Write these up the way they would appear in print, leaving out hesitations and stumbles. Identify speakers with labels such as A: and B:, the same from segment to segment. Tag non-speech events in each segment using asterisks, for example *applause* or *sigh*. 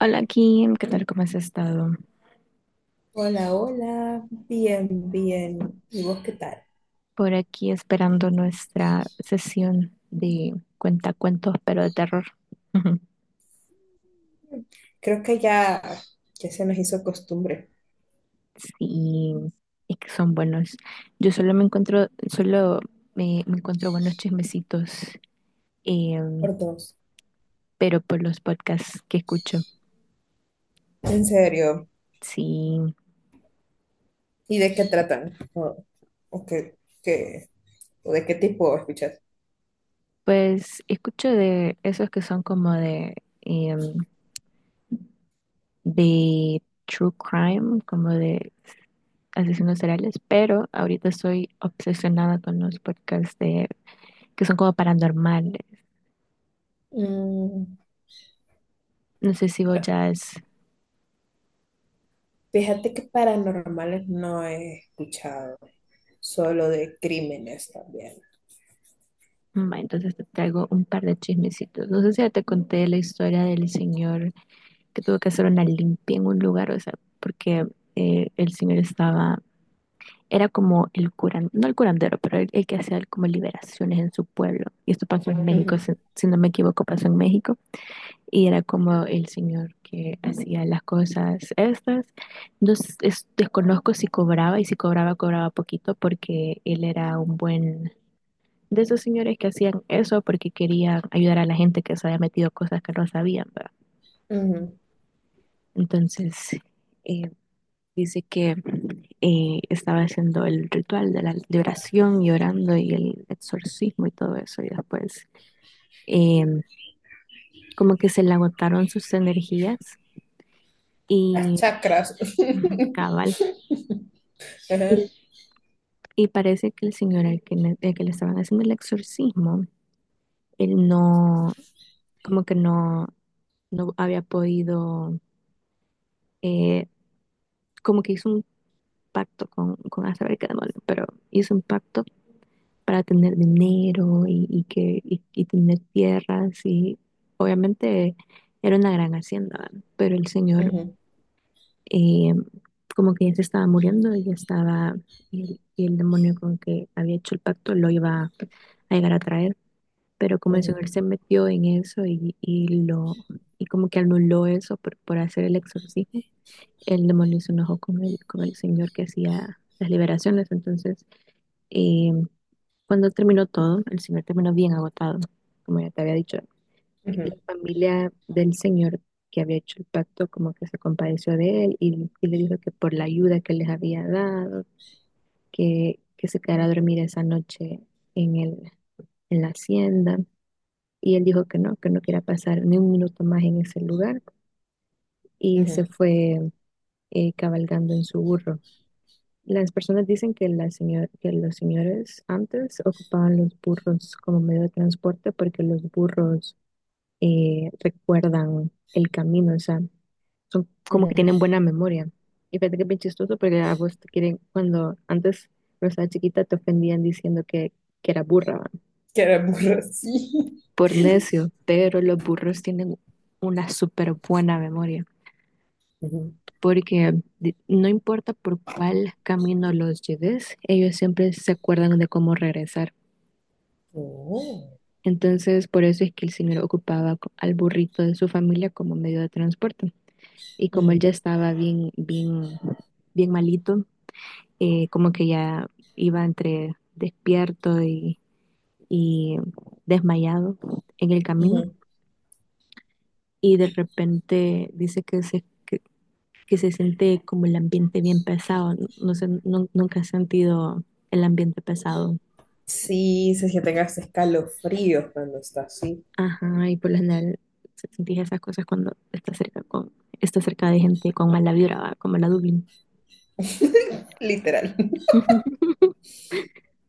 A: Hola Kim, ¿qué tal? ¿Cómo has estado?
B: Hola, hola, bien, bien. ¿Y vos qué tal?
A: Por aquí esperando nuestra sesión de cuentacuentos, pero de terror. *laughs*
B: Creo que ya, ya se nos hizo costumbre
A: Sí, y que son buenos. Yo solo me encuentro, solo me encuentro buenos chismecitos, eh,
B: por dos.
A: pero por los podcasts que escucho.
B: En serio.
A: Sí,
B: ¿Y de qué tratan? O qué, qué- o de qué tipo escuchas?
A: pues escucho de esos que son como eh, de true crime, como de asesinos seriales, pero ahorita estoy obsesionada con los podcasts de, que son como paranormales.
B: Mm,
A: No sé si vos ya es...
B: fíjate que paranormales no he escuchado, solo de crímenes también.
A: Ma, entonces te traigo un par de chismecitos. No sé si ya te conté la historia del señor que tuvo que hacer una limpia en un lugar, o sea, porque el señor estaba, era como el curandero, no el curandero, pero el que hacía como liberaciones en su pueblo. Y esto pasó en México,
B: Ujú,
A: si no me equivoco, pasó en México. Y era como el señor que hacía las cosas estas. Desconozco si cobraba y si cobraba, cobraba poquito porque él era un buen, de esos señores que hacían eso porque querían ayudar a la gente que se había metido cosas que no sabían, ¿verdad?
B: ujú.
A: Entonces, eh, dice que estaba haciendo el ritual de la de oración y orando y el exorcismo y todo eso. Y después, eh, como que se le agotaron sus energías
B: Las
A: y
B: chakras. *laughs*
A: ujú, cabal.
B: Ajá,
A: Y, y parece que el señor al que, al que le estaban haciendo el exorcismo, él no, como que no, no había podido, eh, como que hizo un pacto con a saber qué demonio, pero hizo un pacto para tener dinero y que, y tener tierras y obviamente era una gran hacienda, ¿verdad? Pero el señor
B: ujú,
A: eh, como que ya se estaba muriendo y ya estaba, y el demonio con que había hecho el pacto lo iba a llegar a traer. Pero como el
B: ujú,
A: señor se metió en eso y lo y como que anuló eso por hacer el exorcismo, el demonio se enojó con el señor que hacía las liberaciones. Entonces, eh, cuando terminó todo, el señor terminó bien agotado, como ya te había dicho, y la
B: ujú,
A: familia del señor que había hecho el pacto como que se compadeció de él y le dijo que por la ayuda que les había dado, que se quedara a dormir esa noche en el, en la hacienda y él dijo que no quería pasar ni un minuto más en ese lugar y se
B: ujú,
A: fue cabalgando en su burro. Las personas dicen que, que los señores antes ocupaban los burros como medio de transporte porque los burros recuerdan el camino, o sea, son como que
B: ujú.
A: tienen buena memoria. Y fíjate que es bien chistoso porque a vos te quieren, cuando antes, cuando estaba chiquita, te ofendían diciendo que era burra, ¿va?
B: Que era burra, sí.
A: Por necio, pero los burros tienen una súper buena memoria,
B: Ujú.
A: porque no importa por cuál camino los lleves, ellos siempre se acuerdan de cómo regresar.
B: Oh,
A: Entonces, por eso es que el señor ocupaba al burrito de su familia como medio de transporte. Y como él
B: ujú,
A: ya estaba bien, bien, bien malito, como que ya iba entre despierto y desmayado en el camino.
B: ujú.
A: Y de repente dice que se siente como el ambiente bien pesado. No sé, nunca he sentido el ambiente pesado.
B: Sí, si es que tengas escalofríos cuando estás así.
A: Ajá, y por lo general sentís esas cosas cuando estás cerca con, estás cerca de gente con mala vibra, ¿va? Como la Dublín.
B: *laughs* Literal.
A: *laughs*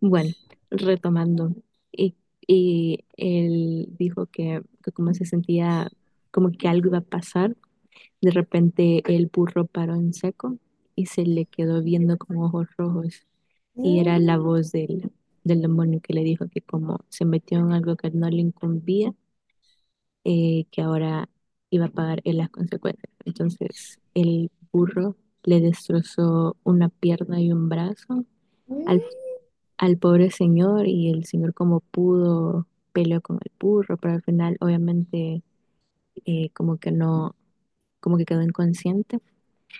A: Bueno, retomando, y, y él dijo que como se sentía como que algo iba a pasar. De repente el burro paró en seco y se le quedó viendo con ojos rojos. Y era la
B: Mm,
A: voz del, del demonio que le dijo que como se metió en algo que no le incumbía, que ahora iba a pagar él las consecuencias. Entonces el burro le destrozó una pierna y un brazo al,
B: mm.
A: al pobre señor y el señor como pudo peleó con el burro, pero al final obviamente como que no, como que quedó inconsciente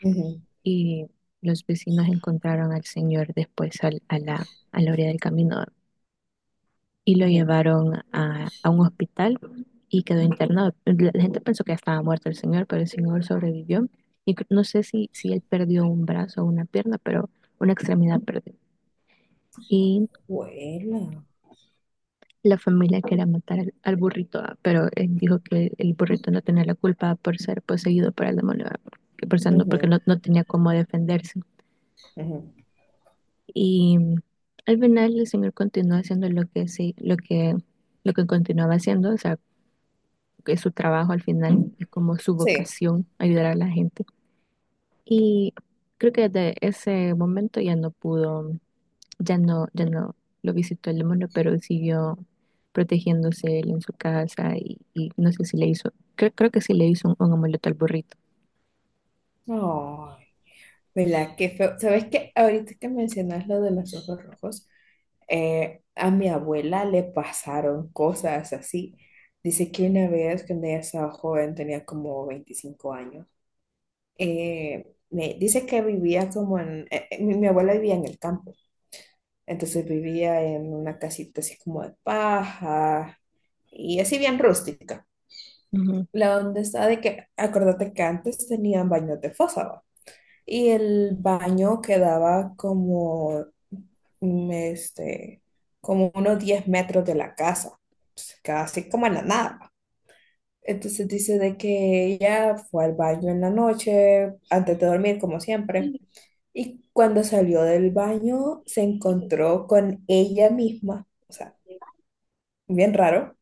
B: Ujú,
A: y los vecinos encontraron al señor después a la orilla del camino y lo
B: ujú,
A: llevaron a un hospital y quedó internado. La gente pensó que ya estaba muerto el señor, pero el señor sobrevivió. Y no sé si, si él perdió un brazo o una pierna, pero una extremidad perdió. Y
B: Vuela.
A: la familia quería matar al, al burrito, ah, pero él dijo que el burrito no tenía la culpa por ser poseído por el demonio, ah, que por ser porque
B: Ujú,
A: no, no tenía cómo defenderse.
B: ujú.
A: Y al final el señor continuó haciendo lo que sí, lo que continuaba haciendo, o sea, que es su trabajo al final, es como su
B: Sí.
A: vocación, ayudar a la gente. Y creo que desde ese momento ya no pudo, ya no, ya no lo visitó el demonio, pero siguió protegiéndose él en su casa y no sé si le hizo, creo, creo que sí le hizo un amuleto al burrito.
B: Ay, ¿verdad? Qué feo. ¿Sabes qué? Ahorita que mencionas lo de los ojos rojos, a mi abuela le pasaron cosas así. Dice que una vez cuando ella estaba joven, tenía como 25 años, me dice que vivía como en, mi abuela vivía en el campo, entonces vivía en una casita así como de paja y así bien rústica.
A: Ujú.
B: La onda está de que, acuérdate que antes tenían baños de fosa, ¿va? Y el baño quedaba como, mm, este, como unos 10 metros de la casa, pues, casi como en la nada, ¿va? Entonces dice de que ella fue al baño en la noche, antes de dormir, como siempre. Y cuando salió del baño, se encontró con ella misma, o sea, bien raro,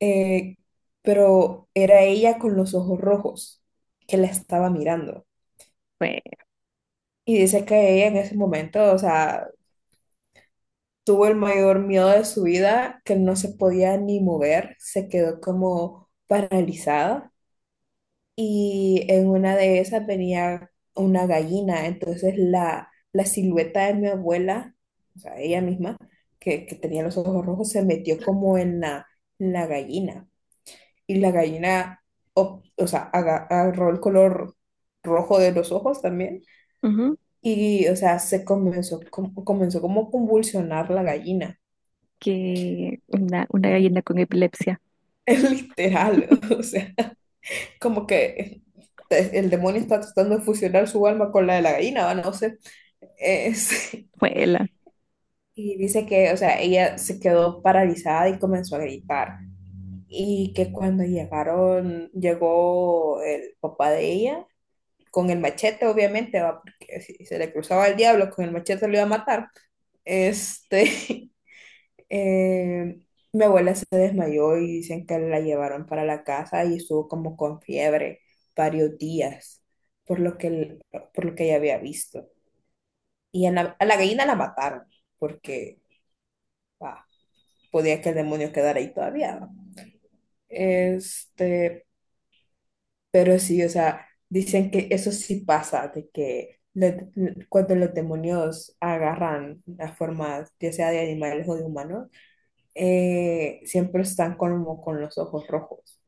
B: eh, pero era ella con los ojos rojos que la estaba mirando.
A: Fue.
B: Y dice que ella en ese momento, o sea, tuvo el mayor miedo de su vida, que no se podía ni mover, se quedó como paralizada. Y en una de esas venía una gallina, entonces la silueta de mi abuela, o sea, ella misma, que tenía los ojos rojos, se metió como en en la gallina. Y o sea, agarró el color rojo de los ojos también
A: Ujú,
B: y, o sea, comenzó como a convulsionar la gallina.
A: que una gallina con epilepsia.
B: *laughs* Literal, o sea, como que el demonio está tratando de fusionar su alma con la de la gallina, ¿va? No sé. Es- *laughs*
A: Fue la.
B: y dice que, o sea, ella se quedó paralizada y comenzó a gritar. Y que cuando llegaron, llegó el papá de ella con el machete, obviamente, ¿va? Porque si se le cruzaba el diablo, con el machete lo iba a matar. Este, *laughs* eh, mi abuela se desmayó y dicen que la llevaron para la casa y estuvo como con fiebre varios días por lo que, por lo que ella había visto. Y a a la gallina la mataron porque ah, podía que el demonio quedara ahí todavía, ¿va? Este, pero sí, o sea, dicen que eso sí pasa, de que cuando los demonios agarran las formas, ya sea de animales o de humanos, siempre están como con los ojos rojos.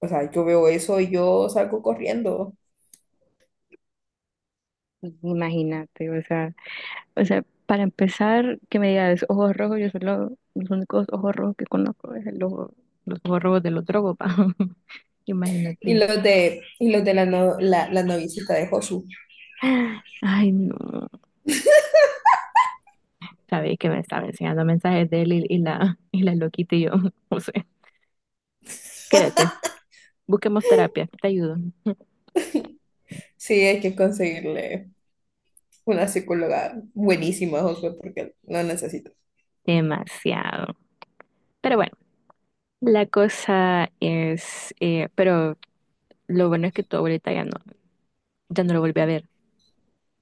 B: O sea, yo veo eso y yo salgo corriendo.
A: Imagínate, o sea. O sea, para empezar, que me digas ojos rojos, yo solo, los únicos ojos rojos que conozco es el ojo, los ojos rojos de los drogos, pa. *laughs* Imagínate.
B: Y los de la, no- la noviecita de Josu.
A: Ay, no. Sabéis que me estaba enseñando mensajes de él y la, *laughs* y la loquita y yo, *laughs* no sé. Quédate, busquemos terapia, te ayudo. *laughs*
B: Sí, hay que conseguirle una psicóloga buenísima a Josué porque lo necesito.
A: Demasiado. Pero bueno, la cosa es, pero lo bueno es que tu abuelita ya no, ya no lo volví a ver.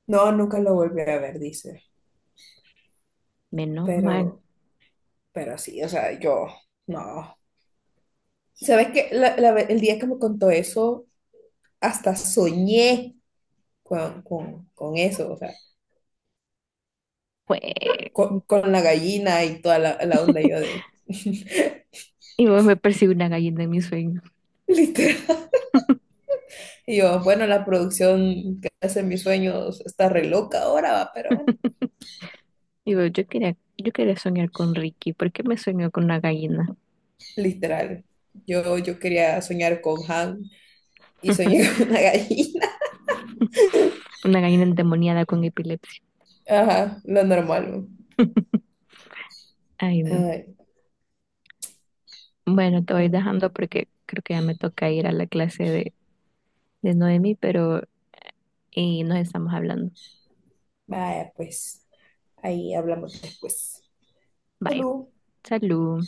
B: No, nunca lo volví a ver, dice.
A: Menos mal.
B: Pero, pero sí, o sea, yo no. ¿Sabes qué? El día que me contó eso, hasta soñé con eso, o sea,
A: Fue.
B: con la gallina y toda la onda yo de... *laughs*
A: Y vos me persigue una gallina en mi sueño.
B: Literal. Y yo, bueno, la producción que hace mis sueños está re loca ahora, va, pero bueno,
A: Digo, yo quería soñar con Ricky. ¿Por qué me soñó con una gallina?
B: literal. Yo quería soñar con Han y soñé *laughs* con una gallina.
A: Una gallina endemoniada con epilepsia.
B: Ajá, lo normal, ¿no?
A: Ay, no.
B: Ay,
A: Bueno, te voy
B: no.
A: dejando porque creo que ya me toca ir a la clase de Noemi, pero y nos estamos hablando.
B: Vaya, pues ahí hablamos después.
A: Vaya,
B: Salud.
A: salud.